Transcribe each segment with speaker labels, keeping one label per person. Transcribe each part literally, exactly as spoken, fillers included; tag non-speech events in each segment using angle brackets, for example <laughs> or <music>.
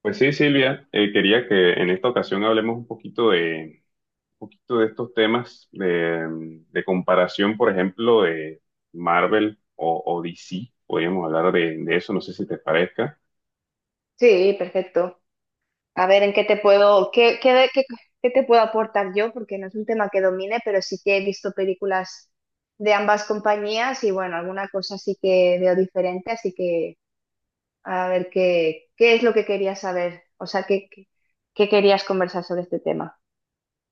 Speaker 1: Pues sí, Silvia, eh, quería que en esta ocasión hablemos un poquito de, un poquito de estos temas de, mm, de comparación, por ejemplo, de Marvel o, o D C. Podríamos hablar de, de eso, no sé si te parezca.
Speaker 2: Sí, perfecto. A ver, ¿en qué te puedo, qué, qué, qué- qué te puedo aportar yo? Porque no es un tema que domine, pero sí que he visto películas de ambas compañías y bueno, alguna cosa sí que veo diferente, así que a ver qué, qué es lo que querías saber, o sea, qué, qué qué querías conversar sobre este tema.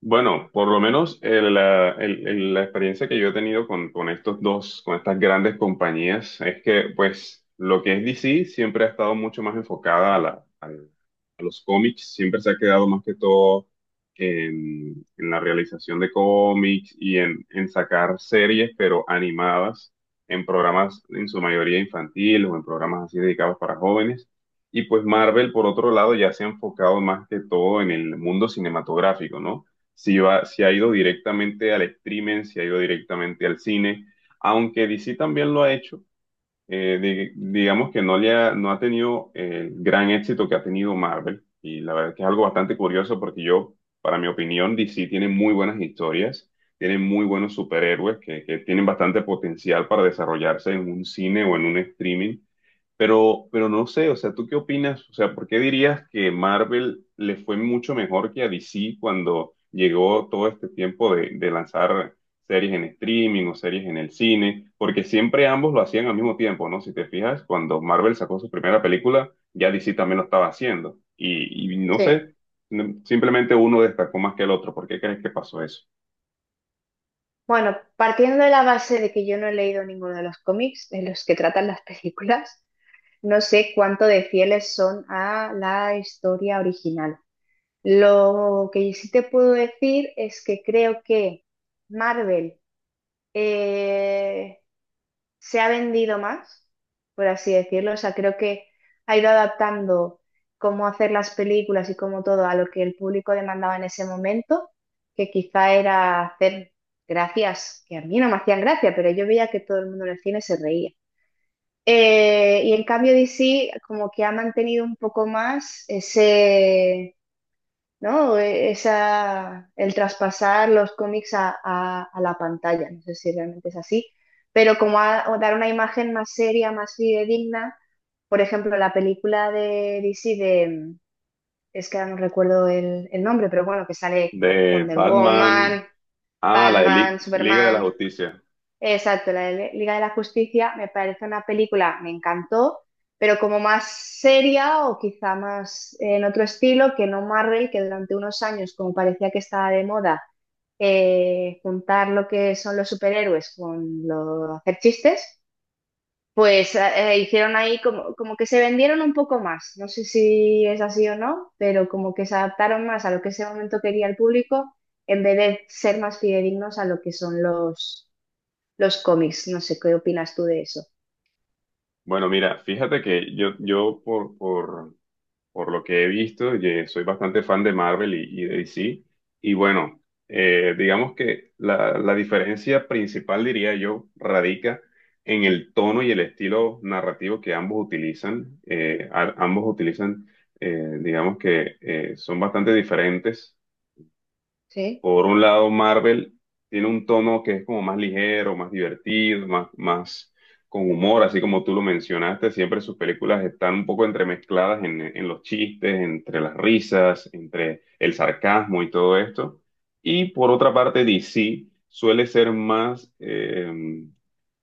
Speaker 1: Bueno, por lo menos el, la, el- el- la experiencia que yo he tenido con, con estos dos, con estas grandes compañías, es que pues lo que es D C siempre ha estado mucho más enfocada a, la, al- a los cómics, siempre se ha quedado más que todo en, en la realización de cómics y en, en sacar series, pero animadas, en programas en su mayoría infantiles o en programas así dedicados para jóvenes. Y pues Marvel, por otro lado, ya se ha enfocado más que todo en el mundo cinematográfico, ¿no? Si va, si ha ido directamente al streaming, si ha ido directamente al cine, aunque D C también lo ha hecho, eh, di- digamos que no le ha, no ha tenido el gran éxito que ha tenido Marvel, y la verdad que es algo bastante curioso porque yo, para mi opinión, D C tiene muy buenas historias, tiene muy buenos superhéroes que, que tienen bastante potencial para desarrollarse en un cine o en un streaming, pero, pero no sé, o sea, ¿tú qué opinas? O sea, ¿por qué dirías que Marvel le fue mucho mejor que a D C cuando llegó todo este tiempo de, de lanzar series en streaming o series en el cine? Porque siempre ambos lo hacían al mismo tiempo, ¿no? Si te fijas, cuando Marvel sacó su primera película, ya D C también lo estaba haciendo. Y, y no
Speaker 2: Sí.
Speaker 1: sé, no- simplemente uno destacó más que el otro. ¿Por qué crees que pasó eso?
Speaker 2: Bueno, partiendo de la base de que yo no he leído ninguno de los cómics de los que tratan las películas, no sé cuánto de fieles son a la historia original. Lo que sí te puedo decir es que creo que Marvel eh, se ha vendido más, por así decirlo. O sea, creo que ha ido adaptando cómo hacer las películas y cómo todo a lo que el público demandaba en ese momento, que quizá era hacer gracias, que a mí no me hacían gracia, pero yo veía que todo el mundo en el cine se reía. Eh, y en cambio D C como que ha mantenido un poco más ese, ¿no? E- Esa, el traspasar los cómics a, a- a la pantalla, no sé si realmente es así, pero como a- o dar una imagen más seria, más fidedigna. Por ejemplo, la película de D C de, es que ahora no recuerdo el, el nombre, pero bueno, que sale
Speaker 1: De
Speaker 2: Wonder
Speaker 1: Batman
Speaker 2: Woman,
Speaker 1: a la de
Speaker 2: Batman,
Speaker 1: Li- Liga de la
Speaker 2: Superman.
Speaker 1: Justicia.
Speaker 2: Exacto, la de Liga de la Justicia me parece una película, me encantó, pero como más seria o quizá más eh, en otro estilo que no Marvel, que durante unos años, como parecía que estaba de moda, eh, juntar lo que son los superhéroes con lo, hacer chistes, pues eh, hicieron ahí como, como que se vendieron un poco más. No sé si es así o no, pero como que se adaptaron más a lo que ese momento quería el público en vez de ser más fidedignos a lo que son los los cómics. No sé, ¿qué opinas tú de eso?
Speaker 1: Bueno, mira, fíjate que yo, yo por, por, por lo que he visto, ye- soy bastante fan de Marvel y, y de D C. Y bueno, eh, digamos que la, la diferencia principal, diría yo, radica en el tono y el estilo narrativo que ambos utilizan. Eh, a- ambos utilizan, eh, digamos que eh, son bastante diferentes.
Speaker 2: Sí,
Speaker 1: Por un lado, Marvel tiene un tono que es como más ligero, más divertido, más, más con humor, así como tú lo mencionaste. Siempre sus películas están un poco entremezcladas en, en los chistes, entre las risas, entre el sarcasmo y todo esto. Y por otra parte, D C suele ser más, eh,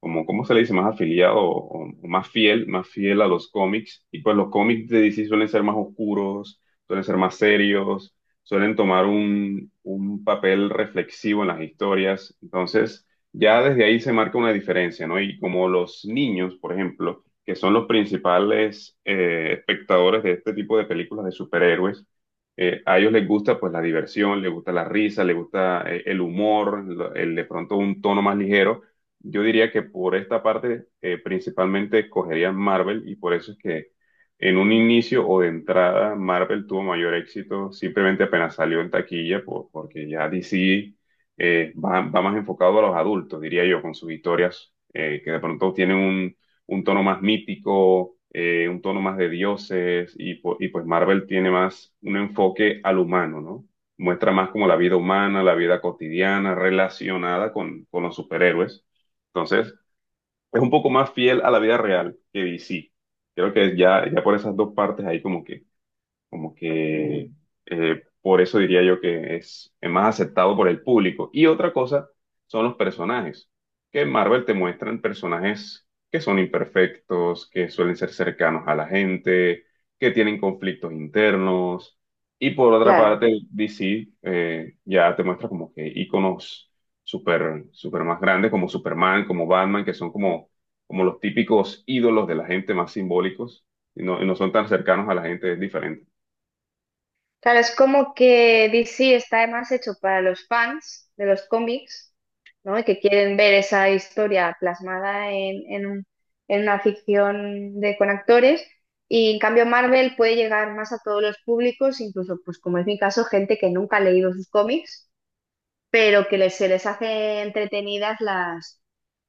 Speaker 1: como, ¿cómo se le dice? Más afiliado o, o más fiel, más fiel a los cómics. Y pues los cómics de D C suelen ser más oscuros, suelen ser más serios, suelen tomar un, un papel reflexivo en las historias. Entonces, ya desde ahí se marca una diferencia, ¿no? Y como los niños, por ejemplo, que son los principales eh, espectadores de este tipo de películas de superhéroes, eh, a ellos les gusta pues la diversión, les gusta la risa, les gusta eh, el humor, el, el de pronto un tono más ligero. Yo diría que por esta parte eh, principalmente escogerían Marvel y por eso es que en un inicio o de entrada Marvel tuvo mayor éxito, simplemente apenas salió en taquilla, por- porque ya D C eh, va, va más enfocado a los adultos, diría yo, con sus historias eh, que de pronto tienen un, un tono más mítico, eh, un tono más de dioses y, po- y pues Marvel tiene más un enfoque al humano, ¿no? Muestra más como la vida humana, la vida cotidiana relacionada con con los superhéroes. Entonces, es un poco más fiel a la vida real que D C. Creo que ya, ya por esas dos partes ahí como que como que eh, por eso diría yo que es, es más aceptado por el público. Y otra cosa son los personajes, que en Marvel te muestran personajes que son imperfectos, que suelen ser cercanos a la gente, que tienen conflictos internos. Y por otra
Speaker 2: claro,
Speaker 1: parte, D C eh, ya te muestra como que íconos super, super más grandes, como Superman, como Batman, que son como, como los típicos ídolos de la gente más simbólicos. Y no y no son tan cercanos a la gente, es diferente.
Speaker 2: claro, es como que D C está más hecho para los fans de los cómics, ¿no? Y que quieren ver esa historia plasmada en, en un- en una ficción de, con actores. Y en cambio Marvel puede llegar más a todos los públicos, incluso, pues como es mi caso, gente que nunca ha leído sus cómics pero que les, se les hace entretenidas las,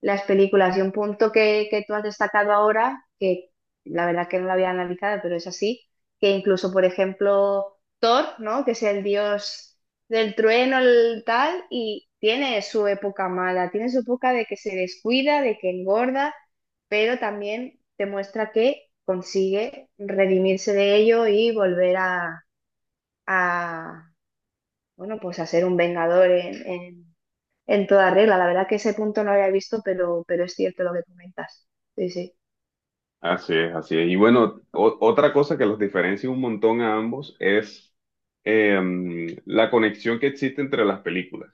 Speaker 2: las películas. Y un punto que, que tú has destacado ahora, que la verdad que no lo había analizado, pero es así, que incluso, por ejemplo, Thor, ¿no? Que es el dios del trueno, el tal, y tiene su época mala, tiene su época de que se descuida, de que engorda, pero también te muestra que consigue redimirse de ello y volver a, a, bueno, pues a ser un vengador en, en- en toda regla. La verdad que ese punto no lo había visto, pero, pero es cierto lo que comentas. Sí, sí,
Speaker 1: Así es, así es. Y bueno, o- otra cosa que los diferencia un montón a ambos es em, la conexión que existe entre las películas.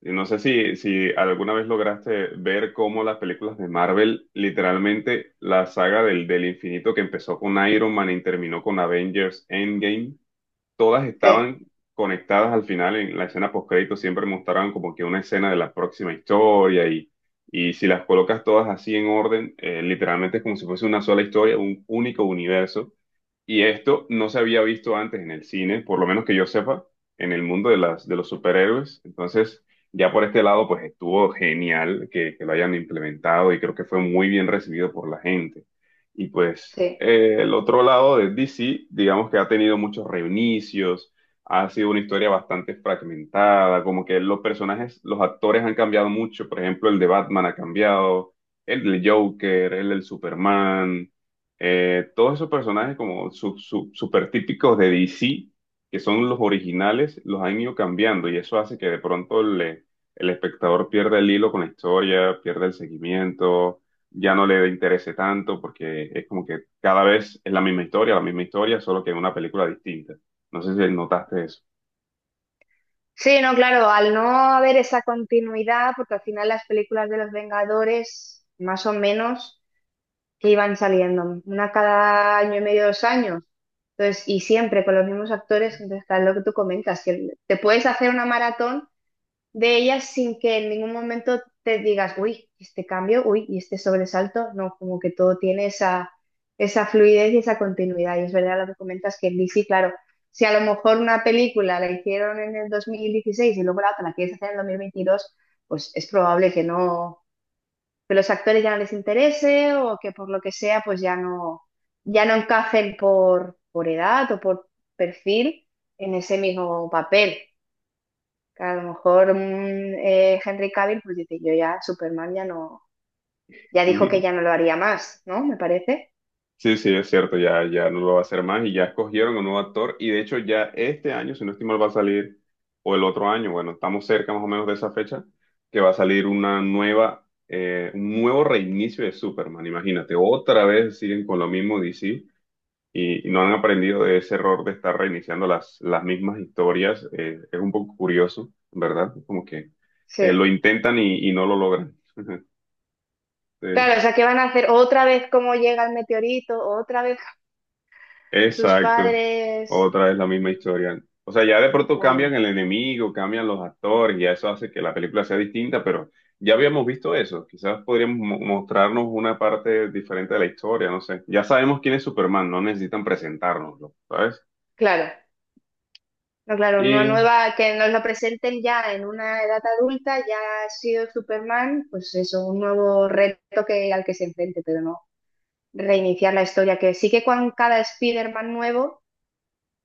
Speaker 1: Y no sé si, si alguna vez lograste ver cómo las películas de Marvel, literalmente la saga del, del infinito que empezó con Iron Man y terminó con Avengers Endgame, todas
Speaker 2: sí,
Speaker 1: estaban conectadas al final en la escena postcrédito, siempre mostraban como que una escena de la próxima historia y, y si las colocas todas así en orden, eh, literalmente es como si fuese una sola historia, un único universo. Y esto no se había visto antes en el cine, por lo menos que yo sepa, en el mundo de las, de los superhéroes. Entonces, ya por este lado, pues estuvo genial que, que lo hayan implementado y creo que fue muy bien recibido por la gente. Y pues
Speaker 2: sí.
Speaker 1: eh, el otro lado de D C, digamos que ha tenido muchos reinicios, ha sido una historia bastante fragmentada, como que los personajes, los actores han cambiado mucho. Por ejemplo, el de Batman ha cambiado, el del Joker, el del Superman. Eh, todos esos personajes como su, su- super típicos de D C, que son los originales, los han ido cambiando y eso hace que de pronto le- el espectador pierda el hilo con la historia, pierda el seguimiento, ya no le interese tanto porque es como que cada vez es la misma historia, la misma historia, solo que en una película distinta. No sé si notaste eso.
Speaker 2: Sí, no, claro, al no haber esa continuidad, porque al final las películas de los Vengadores, más o menos, que iban saliendo, una cada año y medio, dos años, entonces, y siempre con los mismos actores, entonces, claro, lo que tú comentas, que te puedes hacer una maratón de ellas sin que en ningún momento te digas, uy, este cambio, uy, y este sobresalto, no, como que todo tiene esa, esa fluidez y esa continuidad. Y es verdad lo que comentas que en D C, claro, si a lo mejor una película la hicieron en el dos mil dieciséis y luego la otra la quieres hacer en el dos mil veintidós, pues es probable que no, que los actores ya no les interese o que por lo que sea, pues ya no, ya no encajen por, por edad o por perfil en ese mismo papel, que a lo mejor mm, eh, Henry Cavill pues dice, yo ya, Superman ya no, ya dijo que ya
Speaker 1: <laughs>
Speaker 2: no lo haría más, ¿no? Me parece.
Speaker 1: Sí, sí, es cierto, ya, ya no lo va a hacer más y ya escogieron un nuevo actor y de hecho ya este año, si no estoy mal, va a salir, o el otro año, bueno, estamos cerca más o menos de esa fecha, que va a salir una nueva, eh, un nuevo reinicio de Superman, imagínate, otra vez siguen con lo mismo D C y, y no han aprendido de ese error de estar reiniciando las, las mismas historias, eh, es un poco curioso, ¿verdad? Como que eh, lo
Speaker 2: Sí.
Speaker 1: intentan y, y no lo logran.
Speaker 2: Claro, o
Speaker 1: <laughs>
Speaker 2: sea, ¿qué van a hacer? Otra vez cómo llega el meteorito, otra vez sus
Speaker 1: Exacto,
Speaker 2: padres.
Speaker 1: otra vez la misma historia. O sea, ya de pronto cambian
Speaker 2: Claro,
Speaker 1: el enemigo, cambian los actores, y ya eso hace que la película sea distinta, pero ya habíamos visto eso. Quizás podríamos mo- mostrarnos una parte diferente de la historia, no sé. Ya sabemos quién es Superman, no necesitan presentárnoslo, ¿sabes?
Speaker 2: claro. No, claro, una
Speaker 1: Y
Speaker 2: nueva que nos lo presenten ya en una edad adulta, ya ha sido Superman, pues eso, un nuevo reto que, al que se enfrente, pero no reiniciar la historia, que sí que con cada Spider-Man nuevo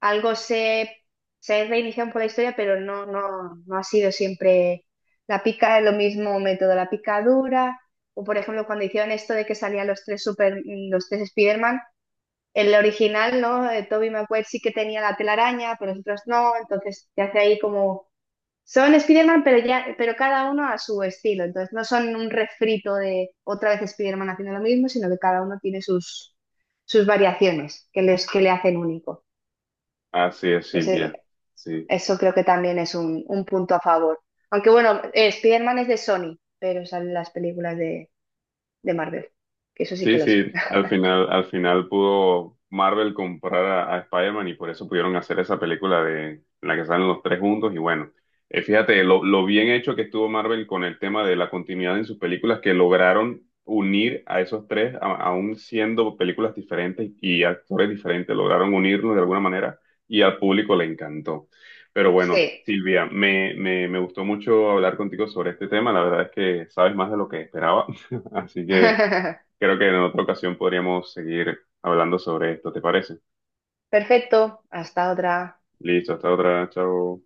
Speaker 2: algo se, se reinicia por la historia, pero no, no, no ha sido siempre la pica, lo mismo método, la picadura, o por ejemplo cuando hicieron esto de que salían los tres super, los tres Spider-Man, el original, ¿no? Eh, Tobey Maguire sí que tenía la telaraña, pero los otros no, entonces te hace ahí como, son Spider-Man, pero ya, pero cada uno a su estilo, entonces no son un refrito de otra vez Spider-Man haciendo lo mismo, sino que cada uno tiene sus, sus variaciones que les, que le hacen único.
Speaker 1: así es, Silvia. Sí.
Speaker 2: Eso creo que también es un, un punto a favor. Aunque bueno, eh, Spider-Man es de Sony, pero salen las películas de, de Marvel, que eso sí
Speaker 1: Sí,
Speaker 2: que lo
Speaker 1: sí,
Speaker 2: sé. <laughs>
Speaker 1: al final, al final pudo Marvel comprar a, a Spider-Man y por eso pudieron hacer esa película de en la que salen los tres juntos. Y bueno, eh, fíjate lo, lo bien hecho que estuvo Marvel con el tema de la continuidad en sus películas, que lograron unir a esos tres, a- aún siendo películas diferentes y actores diferentes, lograron unirlos de alguna manera y al público le encantó. Pero bueno,
Speaker 2: Sí.
Speaker 1: Silvia, me, me, me gustó mucho hablar contigo sobre este tema. La verdad es que sabes más de lo que esperaba. <laughs> Así que.
Speaker 2: <laughs>
Speaker 1: Creo que en otra ocasión podríamos seguir hablando sobre esto, ¿te parece?
Speaker 2: Perfecto, hasta otra.
Speaker 1: Listo, hasta otra, chao.